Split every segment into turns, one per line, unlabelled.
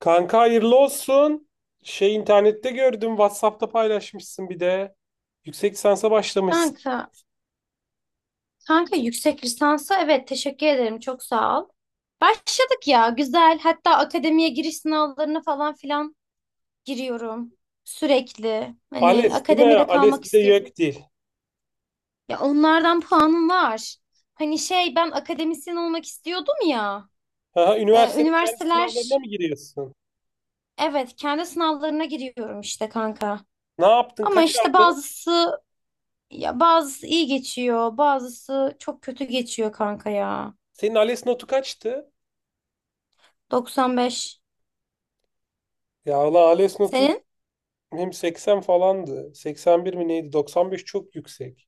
Kanka hayırlı olsun. İnternette gördüm. WhatsApp'ta paylaşmışsın bir de. Yüksek lisansa başlamışsın.
Kanka, kanka, yüksek lisansa evet teşekkür ederim çok sağ ol. Başladık ya güzel hatta akademiye giriş sınavlarına falan filan giriyorum sürekli. Hani
ALES değil mi?
akademide kalmak
ALES bir de
istiyorum.
YÖKDİL.
Ya onlardan puanım var. Hani şey ben akademisyen olmak istiyordum ya.
Aha, üniversitenin kendi sınavlarına
Üniversiteler
mı giriyorsun?
evet kendi sınavlarına giriyorum işte kanka.
Ne yaptın?
Ama
Kaç
işte
aldın?
bazısı ya bazısı iyi geçiyor bazısı çok kötü geçiyor kanka ya.
Senin ALES notu kaçtı?
95.
Ya valla ALES notum
Senin?
hem 80 falandı. 81 mi neydi? 95 çok yüksek.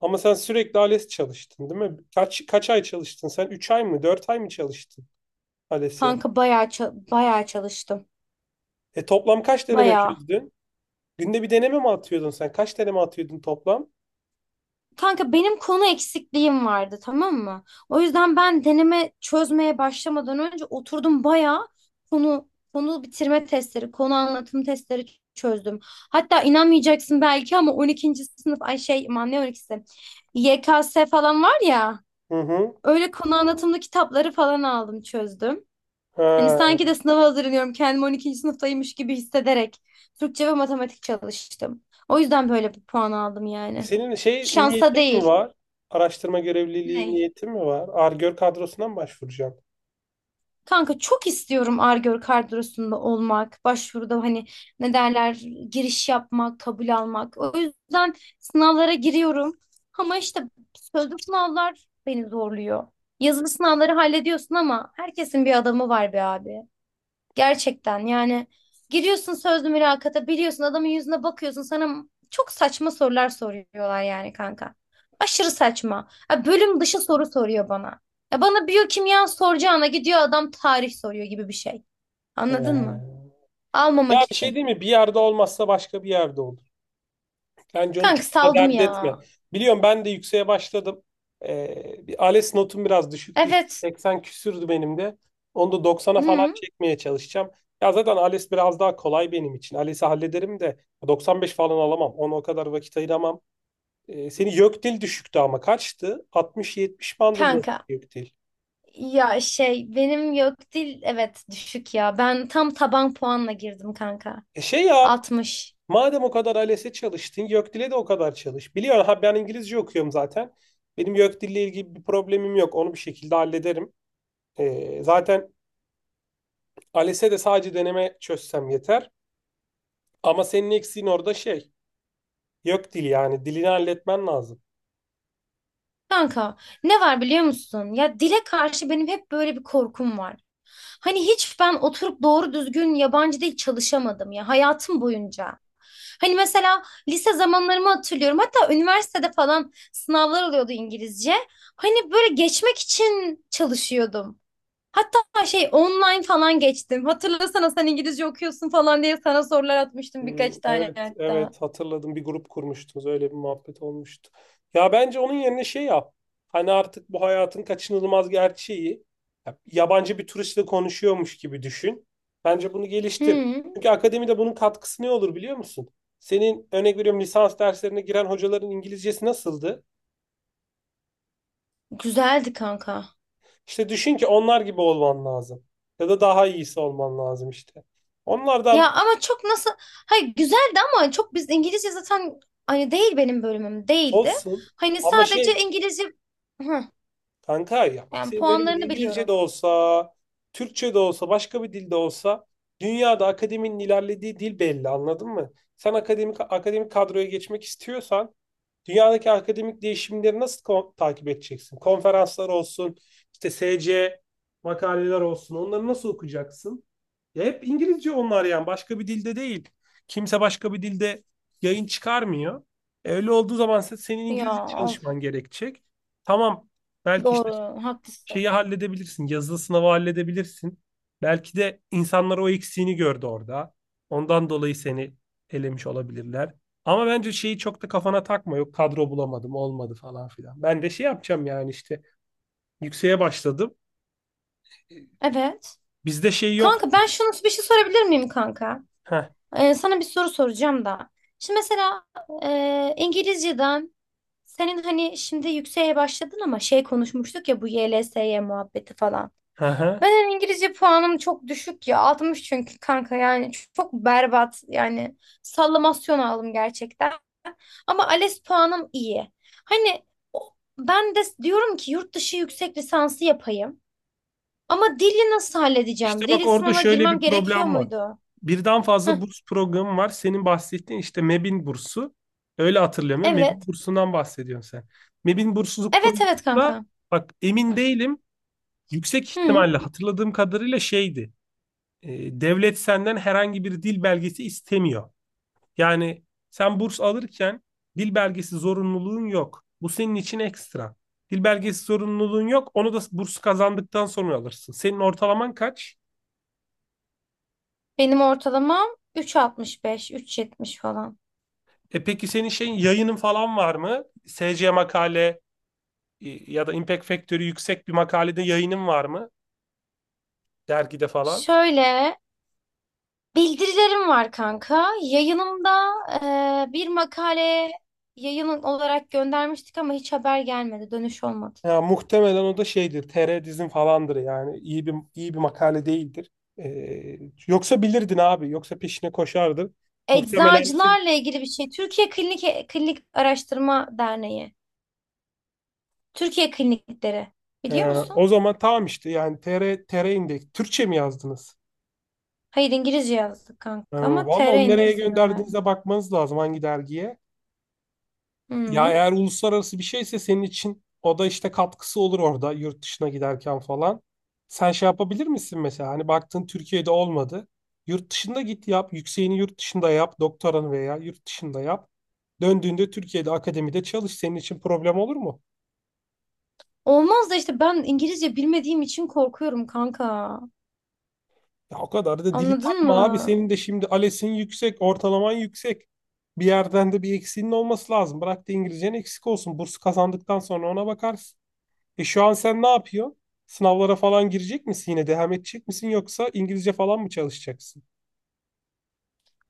Ama sen sürekli ALES çalıştın değil mi? Kaç ay çalıştın? Sen 3 ay mı, 4 ay mı çalıştın ALES'e?
Kanka bayağı bayağı çalıştım.
E toplam kaç deneme
Bayağı.
çözdün? Günde bir deneme mi atıyordun sen? Kaç deneme atıyordun toplam?
Kanka benim konu eksikliğim vardı, tamam mı? O yüzden ben deneme çözmeye başlamadan önce oturdum bayağı konu konu bitirme testleri, konu anlatım testleri çözdüm. Hatta inanmayacaksın belki ama on ikinci sınıf ay şey aman ne on ikisi Y K S falan var ya.
Hı hı.
Öyle konu anlatımlı kitapları falan aldım, çözdüm. Hani
Ha.
sanki de sınava hazırlanıyorum. Kendimi on ikinci sınıftaymış gibi hissederek Türkçe ve matematik çalıştım. O yüzden böyle bir puan aldım
E,
yani.
senin
Şansa
niyetin mi
değil.
var? Araştırma görevliliği
Ney?
niyetin mi var? Ar-Gör kadrosuna mı başvuracaksın?
Kanka çok istiyorum Ar-Gör kadrosunda olmak, başvuruda hani ne derler giriş yapmak, kabul almak. O yüzden sınavlara giriyorum. Ama işte sözlü sınavlar beni zorluyor. Yazılı sınavları hallediyorsun ama herkesin bir adamı var be abi. Gerçekten yani giriyorsun sözlü mülakata, biliyorsun adamın yüzüne bakıyorsun sana çok saçma sorular soruyorlar yani kanka. Aşırı saçma. Ya bölüm dışı soru soruyor bana. Ya bana biyokimya soracağına gidiyor adam tarih soruyor gibi bir şey. Anladın mı?
Ee,
Almamak
Ya bir şey
için.
değil mi? Bir yerde olmazsa başka bir yerde olur. Bence onu
Kanka
çok da
saldım
dert
ya.
etme. Biliyorum ben de yükseğe başladım. Bir ALES notum biraz düşüktü. İşte.
Evet.
80 küsürdü benim de. Onu da 90'a falan
Hı,
çekmeye çalışacağım. Ya zaten ALES biraz daha kolay benim için. ALES'i hallederim de 95 falan alamam. Ona o kadar vakit ayıramam. Seni YÖKDİL düşüktü ama kaçtı? 60-70 bandında
kanka.
YÖKDİL.
Ya şey benim yok dil evet düşük ya. Ben tam taban puanla girdim kanka.
E şey yap.
60.
Madem o kadar ALES'e çalıştın, YÖKDİL'e de o kadar çalış. Biliyorsun ha ben İngilizce okuyorum zaten. Benim YÖKDİL'le ilgili bir problemim yok. Onu bir şekilde hallederim. Zaten ALES'e de sadece deneme çözsem yeter. Ama senin eksiğin orada şey. Yok dil yani. Dilini halletmen lazım.
Kanka ne var biliyor musun? Ya dile karşı benim hep böyle bir korkum var. Hani hiç ben oturup doğru düzgün yabancı dil çalışamadım ya hayatım boyunca. Hani mesela lise zamanlarımı hatırlıyorum. Hatta üniversitede falan sınavlar oluyordu İngilizce. Hani böyle geçmek için çalışıyordum. Hatta şey online falan geçtim. Hatırlasana sen İngilizce okuyorsun falan diye sana sorular atmıştım
Hmm,
birkaç tane
evet,
hatta.
evet hatırladım. Bir grup kurmuştunuz. Öyle bir muhabbet olmuştu. Ya bence onun yerine şey yap. Hani artık bu hayatın kaçınılmaz gerçeği. Ya, yabancı bir turistle konuşuyormuş gibi düşün. Bence bunu geliştir.
Hı,
Çünkü akademide bunun katkısı ne olur biliyor musun? Senin örnek veriyorum lisans derslerine giren hocaların İngilizcesi nasıldı?
güzeldi kanka.
İşte düşün ki onlar gibi olman lazım. Ya da daha iyisi olman lazım işte. Onlardan
Ya ama çok nasıl hayır güzeldi ama çok biz İngilizce zaten hani değil benim bölümüm değildi.
olsun
Hani
ama
sadece
şey
İngilizce. Hı,
kanka ya bak
yani
senin bölümün
puanlarını
İngilizce de
biliyorum.
olsa, Türkçe de olsa, başka bir dilde olsa dünyada akademinin ilerlediği dil belli anladın mı? Sen akademik kadroya geçmek istiyorsan dünyadaki akademik değişimleri nasıl takip edeceksin? Konferanslar olsun, işte SC makaleler olsun. Onları nasıl okuyacaksın? Ya hep İngilizce onlar yani. Başka bir dilde değil. Kimse başka bir dilde yayın çıkarmıyor. E, öyle olduğu zaman senin
Ya
İngilizce
of,
çalışman gerekecek. Tamam. Belki işte
doğru haklısın.
şeyi halledebilirsin. Yazılı sınavı halledebilirsin. Belki de insanlar o eksiğini gördü orada. Ondan dolayı seni elemiş olabilirler. Ama bence şeyi çok da kafana takma. Yok kadro bulamadım, olmadı falan filan. Ben de şey yapacağım yani işte yükseğe başladım.
Evet.
Bizde şey yok.
Kanka ben şunu bir şey sorabilir miyim kanka?
Heh,
Sana bir soru soracağım da. Şimdi mesela İngilizceden senin hani şimdi yükseğe başladın ama şey konuşmuştuk ya bu YLS'ye muhabbeti falan.
hı hı.
Ben hani İngilizce puanım çok düşük ya. 60 çünkü kanka yani çok çok berbat yani sallamasyon aldım gerçekten. Ama ALES puanım iyi. Hani ben de diyorum ki yurt dışı yüksek lisansı yapayım. Ama dili nasıl
İşte
halledeceğim?
bak
Dili
orada
sınavına
şöyle
girmem
bir
gerekiyor
problem var.
muydu?
Birden
Heh,
fazla burs programı var. Senin bahsettiğin işte MEB'in bursu. Öyle hatırlıyorum ya. MEB'in
evet.
bursundan bahsediyorsun sen. MEB'in bursluluk
Evet
programı
evet
da
kanka.
bak emin değilim. Yüksek
Hı.
ihtimalle hatırladığım kadarıyla şeydi. E, devlet senden herhangi bir dil belgesi istemiyor. Yani sen burs alırken dil belgesi zorunluluğun yok. Bu senin için ekstra. Dil belgesi zorunluluğun yok. Onu da bursu kazandıktan sonra alırsın. Senin ortalaman kaç?
Benim ortalamam 3,65, 3,70 falan.
E peki senin şeyin yayının falan var mı? SC makale ya da Impact Factory yüksek bir makalede yayının var mı? Dergide falan.
Şöyle. Bildirilerim var kanka. Yayınımda bir makale yayın olarak göndermiştik ama hiç haber gelmedi, dönüş olmadı.
Ya muhtemelen o da şeydir. TR dizin falandır yani. İyi bir makale değildir. E, yoksa bilirdin abi. Yoksa peşine koşardın. Muhtemelen
Eczacılarla ilgili bir şey. Türkiye Klinik Araştırma Derneği. Türkiye Klinikleri.
e,
Biliyor musun?
o zaman tamam işte yani TR Index. Türkçe mi yazdınız?
Hayır İngilizce yazdık
E,
kanka ama
valla
TR
onu nereye
indekse gönderdim.
gönderdiğinize bakmanız lazım hangi dergiye. Ya
Hı.
eğer uluslararası bir şeyse senin için o da işte katkısı olur orada yurt dışına giderken falan. Sen şey yapabilir misin mesela? Hani baktın Türkiye'de olmadı. Yurt dışında git yap. Yükseğini yurt dışında yap. Doktoranı veya yurt dışında yap. Döndüğünde Türkiye'de akademide çalış. Senin için problem olur mu?
Olmaz da işte ben İngilizce bilmediğim için korkuyorum kanka.
Ya o kadar da dili
Anladın
takma abi.
mı?
Senin de şimdi ALES'in yüksek, ortalaman yüksek. Bir yerden de bir eksiğinin olması lazım. Bırak da İngilizcen eksik olsun. Burs kazandıktan sonra ona bakarsın. E şu an sen ne yapıyorsun? Sınavlara falan girecek misin yine? Devam edecek misin yoksa İngilizce falan mı çalışacaksın?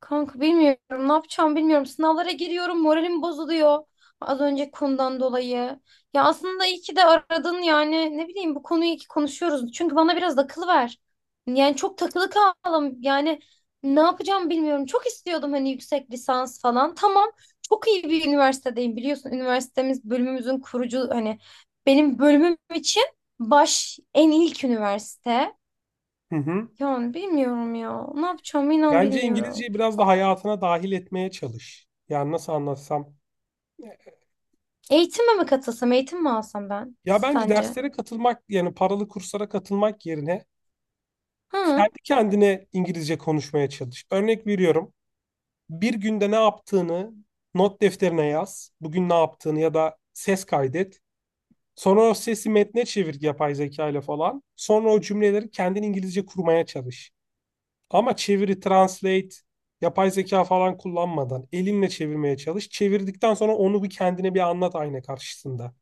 Kanka bilmiyorum ne yapacağım bilmiyorum. Sınavlara giriyorum moralim bozuluyor. Az önce konudan dolayı. Ya aslında iyi ki de aradın yani ne bileyim bu konuyu iyi ki konuşuyoruz. Çünkü bana biraz akıl ver. Yani çok takılı kaldım. Yani ne yapacağım bilmiyorum. Çok istiyordum hani yüksek lisans falan. Tamam çok iyi bir üniversitedeyim biliyorsun. Üniversitemiz bölümümüzün kurucu hani benim bölümüm için baş en ilk üniversite.
Hı hı.
Yani bilmiyorum ya. Ne yapacağım inan
Bence
bilmiyorum.
İngilizceyi biraz da hayatına dahil etmeye çalış. Yani nasıl anlatsam?
Eğitime mi katılsam, eğitim mi alsam ben
Ya bence
sence?
derslere katılmak yani paralı kurslara katılmak yerine
Hı?
kendi kendine İngilizce konuşmaya çalış. Örnek veriyorum. Bir günde ne yaptığını not defterine yaz. Bugün ne yaptığını ya da ses kaydet. Sonra o sesi metne çevir yapay zeka ile falan. Sonra o cümleleri kendin İngilizce kurmaya çalış. Ama çeviri, translate, yapay zeka falan kullanmadan elinle çevirmeye çalış. Çevirdikten sonra onu bir kendine bir anlat ayna karşısında.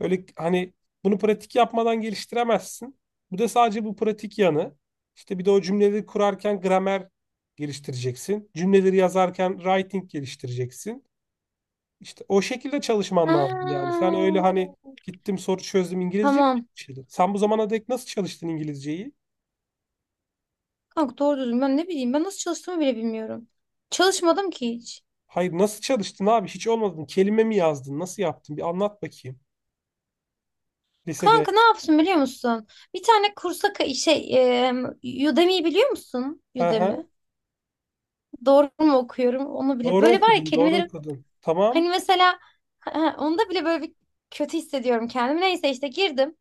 Öyle hani bunu pratik yapmadan geliştiremezsin. Bu da sadece bu pratik yanı. İşte bir de o cümleleri kurarken gramer geliştireceksin. Cümleleri yazarken writing geliştireceksin. İşte o şekilde çalışman lazım yani.
Ha.
Sen öyle hani gittim soru çözdüm İngilizce mi,
Tamam.
çalıştın? Sen bu zamana dek nasıl çalıştın İngilizceyi?
Kanka doğru düzgün ben ne bileyim ben nasıl çalıştığımı bile bilmiyorum. Çalışmadım ki hiç.
Hayır nasıl çalıştın abi? Hiç olmadın. Kelime mi yazdın? Nasıl yaptın? Bir anlat bakayım. Lisede.
Kanka ne yapsın biliyor musun? Bir tane kursa Udemy'yi biliyor musun?
Hı
Udemy.
hı.
Doğru mu okuyorum onu bile.
Doğru
Böyle var ya
okudun, doğru
kelimeleri
okudun.
hani
Tamam,
mesela ha, ha, onda bile böyle bir kötü hissediyorum kendimi. Neyse işte girdim.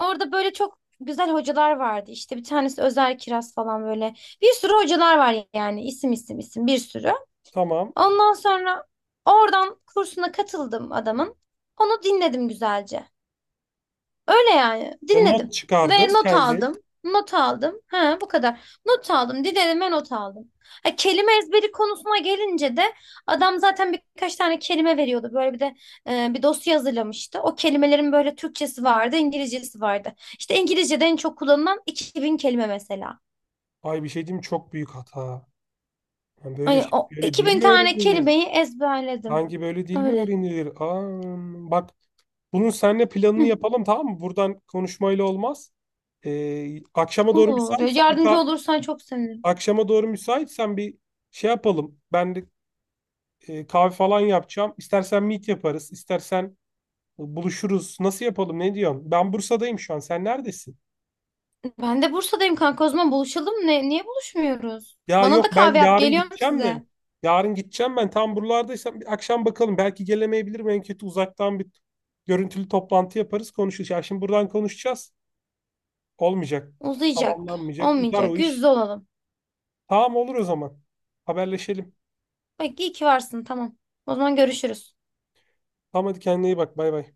Orada böyle çok güzel hocalar vardı. İşte bir tanesi Özer Kiraz falan böyle. Bir sürü hocalar var yani. İsim isim isim bir sürü.
tamam.
Ondan sonra oradan kursuna katıldım adamın. Onu dinledim güzelce. Öyle yani.
Ya not
Dinledim. Ve
çıkardın
not aldım.
kendin.
Not aldım. Ha, bu kadar. Not aldım. Dinlediğime not aldım. Ha, kelime ezberi konusuna gelince de adam zaten birkaç tane kelime veriyordu. Böyle bir de bir dosya hazırlamıştı. O kelimelerin böyle Türkçesi vardı, İngilizcesi vardı. İşte İngilizce'de en çok kullanılan 2000 kelime mesela.
Ay bir şey diyeyim mi? Çok büyük hata. Yani böyle
Hani
şey,
o
böyle dil
2000
mi
tane
öğrenilir?
kelimeyi ezberledim.
Hangi böyle dil mi
Öyle.
öğrenilir? Aa, bak bunun seninle planını
Hı,
yapalım tamam mı? Buradan konuşmayla olmaz. Ee, akşama doğru
olur.
müsaitsen bir
Yardımcı
ka-
olursan çok sevinirim.
Akşama doğru müsaitsen bir şey yapalım. Ben de kahve falan yapacağım. İstersen meet yaparız, istersen buluşuruz. Nasıl yapalım? Ne diyorsun? Ben Bursa'dayım şu an. Sen neredesin?
Ben de Bursa'dayım kanka, o zaman buluşalım. Ne, niye buluşmuyoruz?
Ya
Bana da
yok ben
kahve yap
yarın
geliyorum
gideceğim de.
size.
Yarın gideceğim ben. Tam buralardaysam bir akşam bakalım. Belki gelemeyebilirim. En kötü uzaktan bir görüntülü toplantı yaparız, konuşuruz. Ya şimdi buradan konuşacağız. Olmayacak.
Uzayacak.
Tamamlanmayacak. Uzar o
Olmayacak. Yüz
iş.
yüze olalım.
Tamam olur o zaman. Haberleşelim.
Bak iyi ki varsın, tamam. O zaman görüşürüz.
Tamam hadi kendine iyi bak. Bay bay.